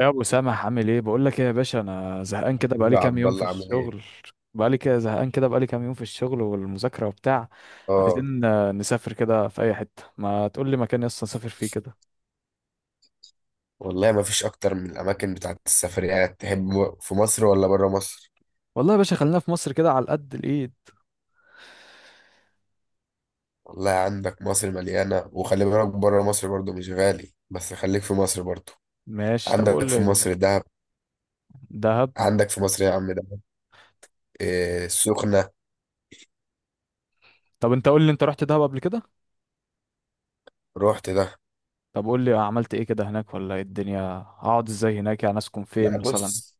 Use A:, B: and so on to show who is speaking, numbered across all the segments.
A: يا ابو سامح عامل ايه؟ بقول لك ايه يا باشا، انا زهقان كده،
B: حبيبي
A: بقالي
B: يا
A: كام
B: عبد
A: يوم في
B: الله عامل ايه؟
A: الشغل. بقالي كده زهقان كده، بقالي كام يوم في الشغل والمذاكره وبتاع.
B: اه.
A: عايزين نسافر كده في اي حته، ما تقول لي مكان يسطا نسافر فيه كده.
B: والله ما فيش اكتر من الاماكن بتاعت السفريات. تحب في مصر ولا بره مصر؟
A: والله يا باشا خلينا في مصر كده على قد الايد.
B: والله عندك مصر مليانه، وخلي بالك بره مصر برضو مش غالي، بس خليك في مصر برضو.
A: ماشي، طب
B: عندك
A: قول
B: في
A: لي.
B: مصر دهب.
A: دهب؟
B: عندك في مصر يا عم دهب. إيه السخنه.
A: طب انت قول لي، انت رحت دهب قبل كده؟
B: رحت ده.
A: طب قول لي عملت ايه كده هناك، ولا ايه الدنيا؟ هقعد ازاي هناك؟ يعني اسكن
B: لا،
A: فين مثلا؟
B: بص،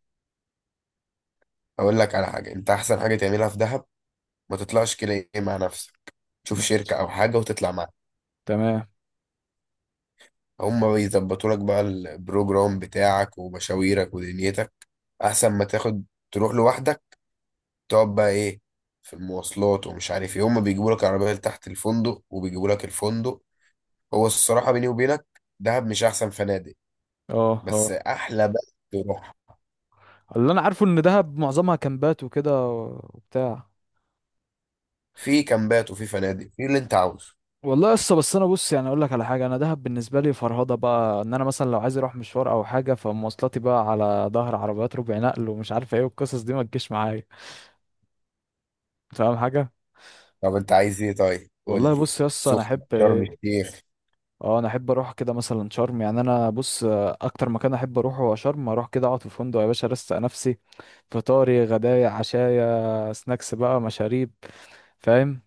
B: اقول لك على حاجه. انت احسن حاجه تعملها في دهب، ما تطلعش كده ايه مع نفسك، تشوف
A: ماشي.
B: شركه او حاجه وتطلع.
A: تمام.
B: هم بيظبطوا لك بقى البروجرام بتاعك ومشاويرك ودنيتك، احسن ما تاخد تروح لوحدك تقعد بقى ايه في المواصلات ومش عارف ايه. هم بيجيبوا لك العربيه لتحت الفندق، وبيجيبوا لك الفندق. هو الصراحه بيني وبينك، دهب مش احسن فنادق،
A: اه،
B: بس
A: اه.
B: احلى بقى تروح.
A: اللي انا عارفه ان دهب معظمها كامبات وكده وبتاع.
B: في كامبات وفي فنادق، في اللي انت عاوزه.
A: والله لسه. بس انا بص، يعني اقول لك على حاجه، انا دهب بالنسبه لي فرهضه بقى، ان انا مثلا لو عايز اروح مشوار او حاجه فمواصلاتي بقى على ظهر عربيات ربع نقل ومش عارف ايه، والقصص دي ما تجيش معايا. فاهم حاجه.
B: طب انت عايز ايه؟ طيب قول
A: والله
B: لي.
A: بص يا اسطى، انا
B: سخنه،
A: احب
B: شرم
A: ايه.
B: الشيخ.
A: اه، انا احب اروح كده مثلا شرم، يعني انا بص، اكتر مكان احب اروحه هو شرم. اروح كده اقعد في فندق يا باشا، ارستق نفسي. فطاري غدايا عشايا سناكس بقى مشاريب. فاهم.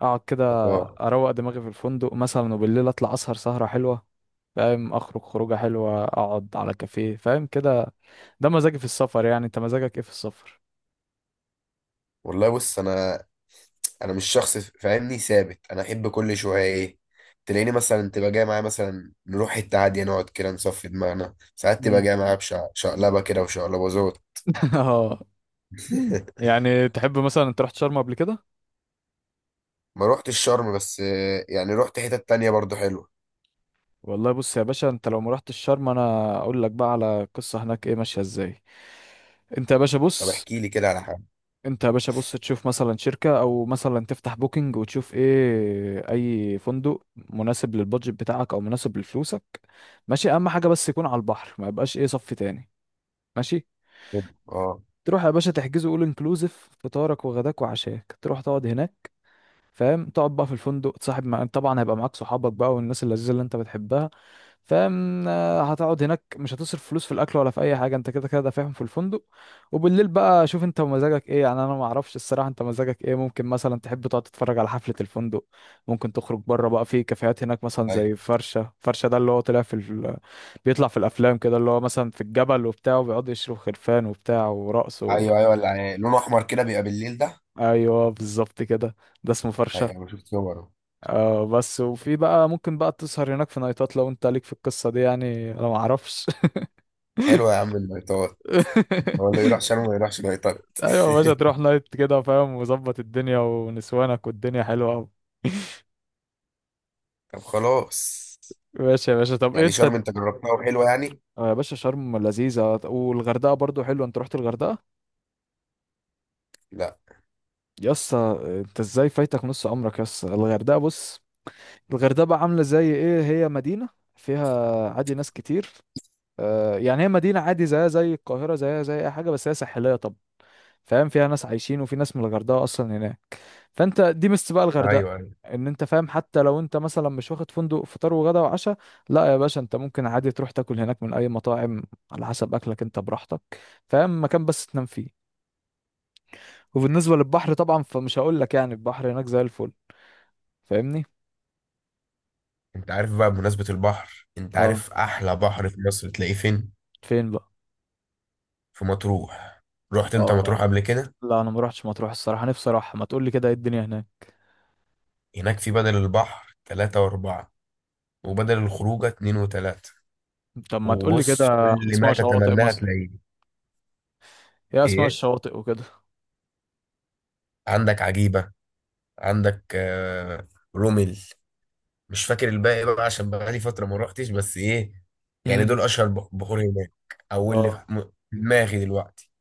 A: اقعد كده،
B: اه.
A: اروق دماغي في الفندق مثلا، وبالليل اطلع اسهر سهرة حلوة. فاهم، اخرج خروجة حلوة، اقعد على كافيه، فاهم كده. ده مزاجي في السفر، يعني انت مزاجك ايه في السفر؟
B: والله بص، انا مش شخص فاهمني ثابت، انا احب كل شويه ايه. تلاقيني مثلا تبقى جاي معايا مثلا نروح حته عاديه نقعد كده نصفي دماغنا، ساعات تبقى
A: مم.
B: جاي معايا بشقلبه كده وشقلباظات.
A: اه. يعني تحب مثلا؟ انت رحت شرم قبل كده؟
B: ما روحتش الشرم، بس يعني روحت حتت تانية برضو حلوه.
A: والله بص يا باشا، انت لو ما رحتش شرم انا اقول لك بقى على قصة هناك ايه ماشية ازاي. انت يا باشا
B: طب
A: بص،
B: احكي لي كده على حاجه
A: انت يا باشا بص، تشوف مثلا شركة، او مثلا تفتح بوكينج وتشوف ايه اي فندق مناسب للبادجت بتاعك او مناسب لفلوسك. ماشي. اهم حاجة بس يكون على البحر، ما يبقاش ايه صف تاني. ماشي.
B: حلو. اه.
A: تروح يا باشا تحجزه اول انكلوزيف، فطارك وغداك وعشاك، تروح تقعد هناك. فاهم، تقعد بقى في الفندق، تصاحب مع... طبعا هيبقى معاك صحابك بقى والناس اللذيذة اللي انت بتحبها. فاهم، هتقعد هناك مش هتصرف فلوس في الاكل ولا في اي حاجه، انت كده كده دافعهم في الفندق. وبالليل بقى شوف انت ومزاجك ايه، يعني انا ما اعرفش الصراحه انت مزاجك ايه، ممكن مثلا تحب تقعد تتفرج على حفله الفندق، ممكن تخرج بره بقى في كافيهات هناك، مثلا
B: ايوه
A: زي فرشه. فرشه ده اللي هو طلع في ال... بيطلع في الافلام كده، اللي هو مثلا في الجبل وبتاع، وبيقعد يشرب خرفان وبتاع ورقص و...
B: ايوه ايوه اللي يعني لونه احمر كده بيبقى بالليل ده.
A: ايوه بالظبط كده. ده اسمه
B: ايوه،
A: فرشه.
B: انا شفت صوره.
A: آه. بس وفي بقى ممكن بقى تسهر هناك في نايتات، لو انت ليك في القصه دي، يعني انا ما اعرفش.
B: حلوه يا عم اللايتات. هو اللي يروح شرم ما يروحش لايتات.
A: ايوه يا باشا، تروح نايت كده، فاهم، وظبط الدنيا ونسوانك، والدنيا حلوه قوي.
B: طب خلاص.
A: ماشي يا باشا طب
B: يعني
A: انت.
B: شرم انت جربتها وحلوه يعني.
A: آه يا باشا شرم لذيذه، والغردقه برضو حلوه. انت رحت الغردقه؟
B: لا.
A: يسا؟ انت ازاي فايتك نص عمرك يسا؟ الغردقه بص، الغردقه بقى عامله زي ايه، هي مدينه، فيها عادي ناس كتير، آه، يعني هي مدينه عادي، زيها زي القاهره زيها زي اي حاجه، بس هي ساحليه. طب فاهم، فيها ناس عايشين، وفي ناس من الغردقه اصلا هناك. فانت دي ميزة بقى
B: ايوه
A: الغردقة،
B: ايوه،
A: ان انت فاهم، حتى لو انت مثلا مش واخد فندق فطار وغدا وعشاء، لا يا باشا، انت ممكن عادي تروح تاكل هناك من اي مطاعم، على حسب اكلك، انت براحتك. فاهم، مكان بس تنام فيه. وبالنسبة للبحر طبعا فمش هقول لك، يعني البحر هناك زي الفل. فاهمني.
B: انت عارف بقى بمناسبة البحر، انت
A: اه.
B: عارف احلى بحر في مصر تلاقيه فين؟
A: فين بقى؟
B: في مطروح. رحت انت مطروح
A: اه.
B: قبل كده؟
A: لا انا ما روحتش مطروح الصراحة، نفسي اروح، ما تقول لي كده ايه الدنيا هناك.
B: هناك في بدل البحر تلاتة واربعة، وبدل الخروجة اتنين وتلاتة.
A: طب ما تقول لي كده
B: وبص، كل
A: اسماء
B: ما
A: شواطئ
B: تتمناه
A: مصر،
B: تلاقيه.
A: ايه اسماء
B: ايه،
A: الشواطئ وكده؟
B: عندك عجيبة، عندك رومل. مش فاكر الباقي بقى عشان بقالي فترة ما روحتش، بس ايه يعني
A: امم
B: دول اشهر بحور هناك. او اللي في
A: اه.
B: في دماغي دلوقتي.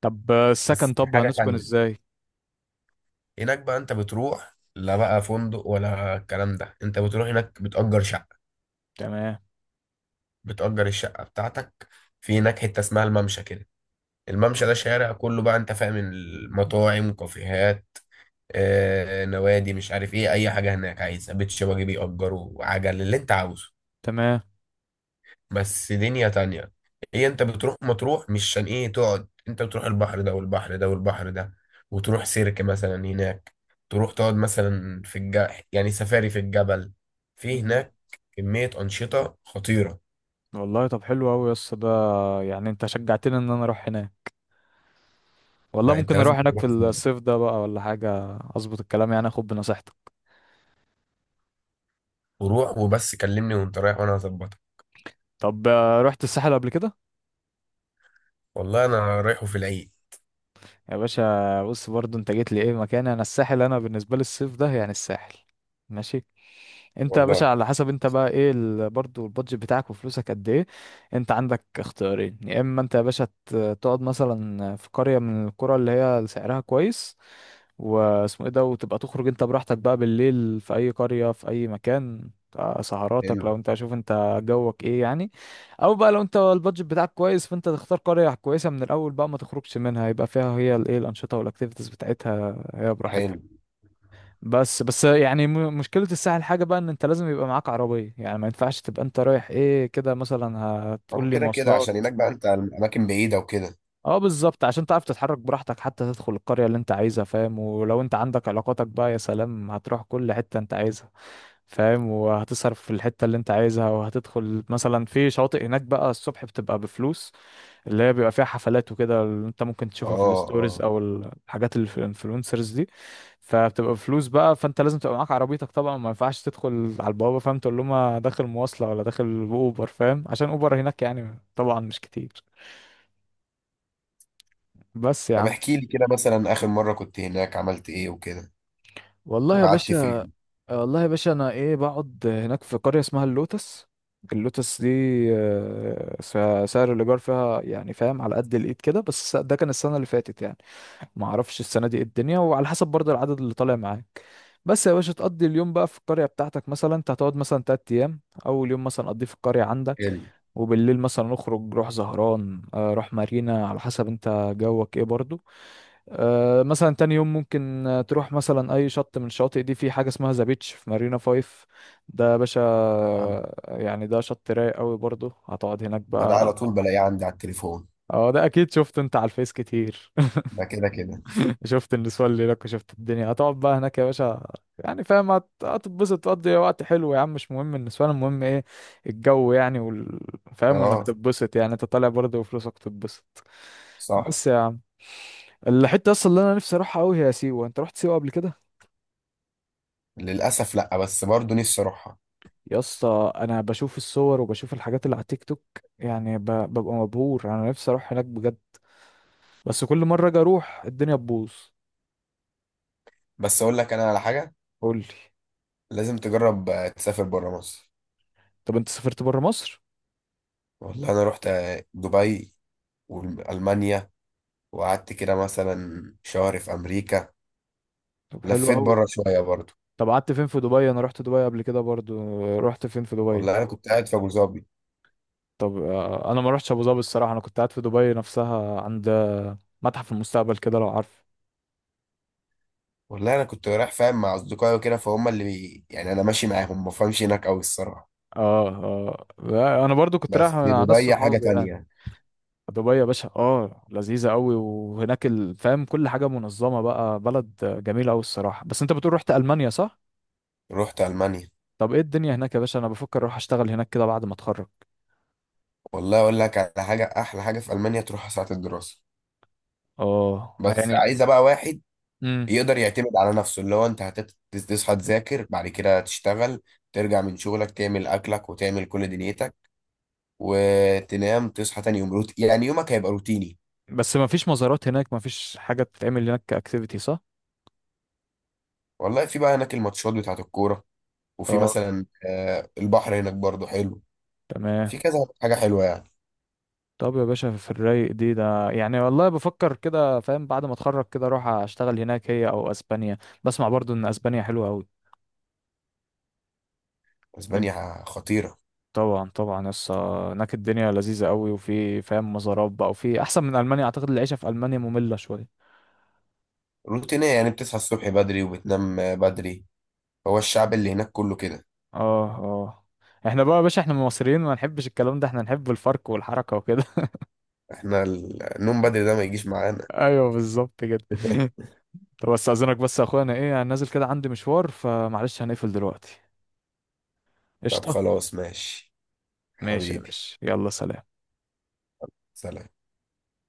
A: طب
B: بس
A: السكن، طب
B: حاجة
A: هنسكن
B: تانية،
A: ازاي؟
B: هناك بقى انت بتروح لا بقى فندق ولا الكلام ده، انت بتروح هناك بتأجر شقة.
A: تمام.
B: بتأجر الشقة بتاعتك في هناك، حتة اسمها الممشى كده. الممشى ده شارع كله بقى انت فاهم، المطاعم، كافيهات، آه، نوادي، مش عارف ايه، اي حاجة هناك عايزها، بيت شبابي، بيأجروا عجل اللي انت عاوزه.
A: تمام.
B: بس دنيا تانية. هي انت بتروح مطروح مش عشان ايه تقعد، انت بتروح البحر ده والبحر ده والبحر ده، وتروح سيرك مثلا هناك، تروح تقعد مثلا في يعني سفاري في الجبل في
A: مم.
B: هناك. كمية أنشطة خطيرة.
A: والله طب حلو قوي يا اسطى ده، يعني انت شجعتني ان انا اروح هناك، والله
B: لا، انت
A: ممكن
B: لازم
A: اروح هناك
B: تروح
A: في
B: في
A: الصيف
B: مرة.
A: ده بقى ولا حاجه، اظبط الكلام، يعني اخد بنصيحتك.
B: وروح، وبس كلمني وانت رايح وانا هظبطك.
A: طب رحت الساحل قبل كده؟
B: والله انا رايحه في العيد.
A: يا باشا بص، برضو انت جيت لي ايه مكان، انا الساحل انا بالنسبه لي الصيف ده يعني الساحل. ماشي. انت يا باشا
B: والله
A: على حسب انت بقى ايه برضو البادجت بتاعك وفلوسك قد ايه. انت عندك اختيارين، يا اما انت يا باشا تقعد مثلا في قرية من القرى اللي هي سعرها كويس، واسمه ايه ده، وتبقى تخرج انت براحتك بقى بالليل في اي قرية في اي مكان، اه، سهراتك لو
B: حلو.
A: انت شوف انت جوك ايه يعني. او بقى لو انت البادجت بتاعك كويس، فانت تختار قرية كويسة من الاول بقى، ما تخرجش منها، يبقى فيها هي الايه الانشطة والاكتيفيتيز بتاعتها، هي
B: حلو.
A: براحتها. بس يعني، مشكلة الساحل حاجة بقى، ان انت لازم يبقى معاك عربية، يعني ما ينفعش تبقى انت رايح ايه كده مثلا،
B: اه
A: هتقول لي
B: كده كده عشان
A: مواصلات.
B: هناك بقى انت الاماكن بعيده وكده.
A: اه بالظبط، عشان تعرف تتحرك براحتك، حتى تدخل القرية اللي انت عايزها، فاهم، ولو انت عندك علاقاتك بقى يا سلام، هتروح كل حتة انت عايزها، فاهم، وهتصرف في الحتة اللي انت عايزها، وهتدخل مثلا في شواطئ هناك بقى الصبح بتبقى بفلوس، اللي هي بيبقى فيها حفلات وكده، اللي انت ممكن تشوفها في
B: اه
A: الستوريز
B: اه.
A: او الحاجات اللي في الانفلونسرز دي، فبتبقى فلوس بقى، فانت لازم تبقى معاك عربيتك طبعا، ما ينفعش تدخل على البوابه، فاهم، تقول لهم أنا داخل مواصله، ولا داخل اوبر، فاهم، عشان اوبر هناك يعني طبعا مش كتير. بس يا
B: طب
A: عم.
B: احكي لي كده مثلا اخر مره كنت هناك عملت ايه وكده.
A: والله يا
B: وقعدت
A: باشا،
B: فين.
A: والله يا باشا انا ايه بقعد هناك في قريه اسمها اللوتس، اللوتس دي سعر الايجار فيها يعني فاهم على قد الايد كده، بس ده كان السنه اللي فاتت يعني، ما اعرفش السنه دي ايه الدنيا، وعلى حسب برضه العدد اللي طالع معاك. بس يا باشا تقضي اليوم بقى في القريه بتاعتك، مثلا انت هتقعد مثلا تلات ايام، اول يوم مثلا قضيه في القريه عندك،
B: حلو.
A: وبالليل مثلا نخرج، روح زهران، روح مارينا، على حسب انت جوك ايه برضو. مثلا تاني يوم ممكن تروح مثلا اي شط من الشواطئ دي، في حاجه اسمها ذا بيتش في مارينا فايف، ده يا باشا
B: آه.
A: يعني ده شط رايق قوي برضو، هتقعد هناك
B: ما ده
A: بقى.
B: على طول بلاقيه عندي على التليفون.
A: اه ده اكيد شفته انت على الفيس كتير.
B: ده كده كده.
A: شفت النسوان اللي لك، شفت الدنيا، هتقعد بقى هناك يا باشا، يعني فاهم هتتبسط، تقضي وقت حلو يا عم، مش مهم النسوان، المهم ايه، الجو يعني وال... فاهم، وانك
B: اه،
A: تتبسط، يعني انت طالع برضه وفلوسك تتبسط.
B: صح.
A: بس يا عم، الحتة اصلا اللي انا نفسي اروحها قوي هي سيوة، انت رحت سيوة قبل كده؟
B: للاسف لا، بس برضه نفسي اروحها.
A: يا اسطى انا بشوف الصور وبشوف الحاجات اللي على تيك توك، يعني ب... ببقى مبهور، انا نفسي اروح هناك بجد، بس كل مرة اجي اروح الدنيا تبوظ.
B: بس اقول لك انا على حاجه،
A: قول لي.
B: لازم تجرب تسافر بره مصر.
A: طب انت سافرت بره مصر؟
B: والله انا رحت دبي والمانيا، وقعدت كده مثلا شهر في امريكا.
A: طب حلو
B: لفيت
A: قوي.
B: بره شويه برضه.
A: طب قعدت فين في دبي؟ انا رحت دبي قبل كده برضو، رحت فين في دبي؟
B: والله انا كنت قاعد في ابو ظبي.
A: طب انا ما رحتش ابو ظبي الصراحه، انا كنت قاعد في دبي نفسها، عند متحف المستقبل كده لو عارف.
B: والله انا كنت رايح فاهم مع اصدقائي وكده، فهم اللي يعني انا ماشي معاهم ما فهمش هناك قوي الصراحه.
A: اه اه، لا، انا برضو كنت رايح
B: بس
A: مع ناس
B: دبي حاجه
A: صحابي يعني.
B: تانية.
A: دبي يا باشا اه لذيذه قوي، وهناك فاهم كل حاجه منظمه بقى، بلد جميله قوي الصراحه. بس انت بتقول رحت المانيا صح؟
B: رحت المانيا.
A: طب ايه الدنيا هناك يا باشا؟ انا بفكر اروح اشتغل هناك كده بعد ما اتخرج.
B: والله اقول لك على حاجه، احلى حاجه في المانيا تروح ساعه الدراسه.
A: اه
B: بس
A: يعني.
B: عايزه بقى واحد
A: امم
B: يقدر يعتمد على نفسه، اللي هو انت هتصحى تذاكر بعد كده تشتغل، ترجع من شغلك تعمل اكلك وتعمل كل دنيتك، وتنام تصحى تاني يوم يعني يومك هيبقى روتيني.
A: بس ما فيش مزارات هناك؟ ما فيش حاجه تتعمل هناك كاكتيفيتي صح؟
B: والله في بقى هناك الماتشات بتاعت الكوره، وفي
A: اه.
B: مثلا البحر هناك برضو حلو.
A: تمام.
B: في كذا حاجه حلوه يعني.
A: طب يا باشا في الرايق دي ده، يعني والله بفكر كده فاهم بعد ما اتخرج كده اروح اشتغل هناك، هي او اسبانيا. بسمع برضو ان اسبانيا حلوه قوي. من.
B: اسبانيا خطيره.
A: طبعا طبعا، يس هناك الدنيا لذيذه قوي، وفي فاهم مزارات بقى، وفي احسن من المانيا، اعتقد العيشه في المانيا ممله شويه.
B: روتينيه، يعني بتصحى الصبح بدري وبتنام بدري. هو الشعب اللي هناك كله كده.
A: اه اه. احنا بقى يا باشا احنا مصريين ما نحبش الكلام ده، احنا نحب الفرق والحركه وكده.
B: احنا النوم بدري ده ما يجيش معانا.
A: ايوه بالظبط كده. طب استاذنك بس يا اخويا، انا ايه انا نازل كده عندي مشوار، فمعلش هنقفل دلوقتي.
B: طب
A: قشطه.
B: خلاص، ماشي.
A: ماشي يا
B: حبيبي.
A: باشا، يلا سلام.
B: سلام.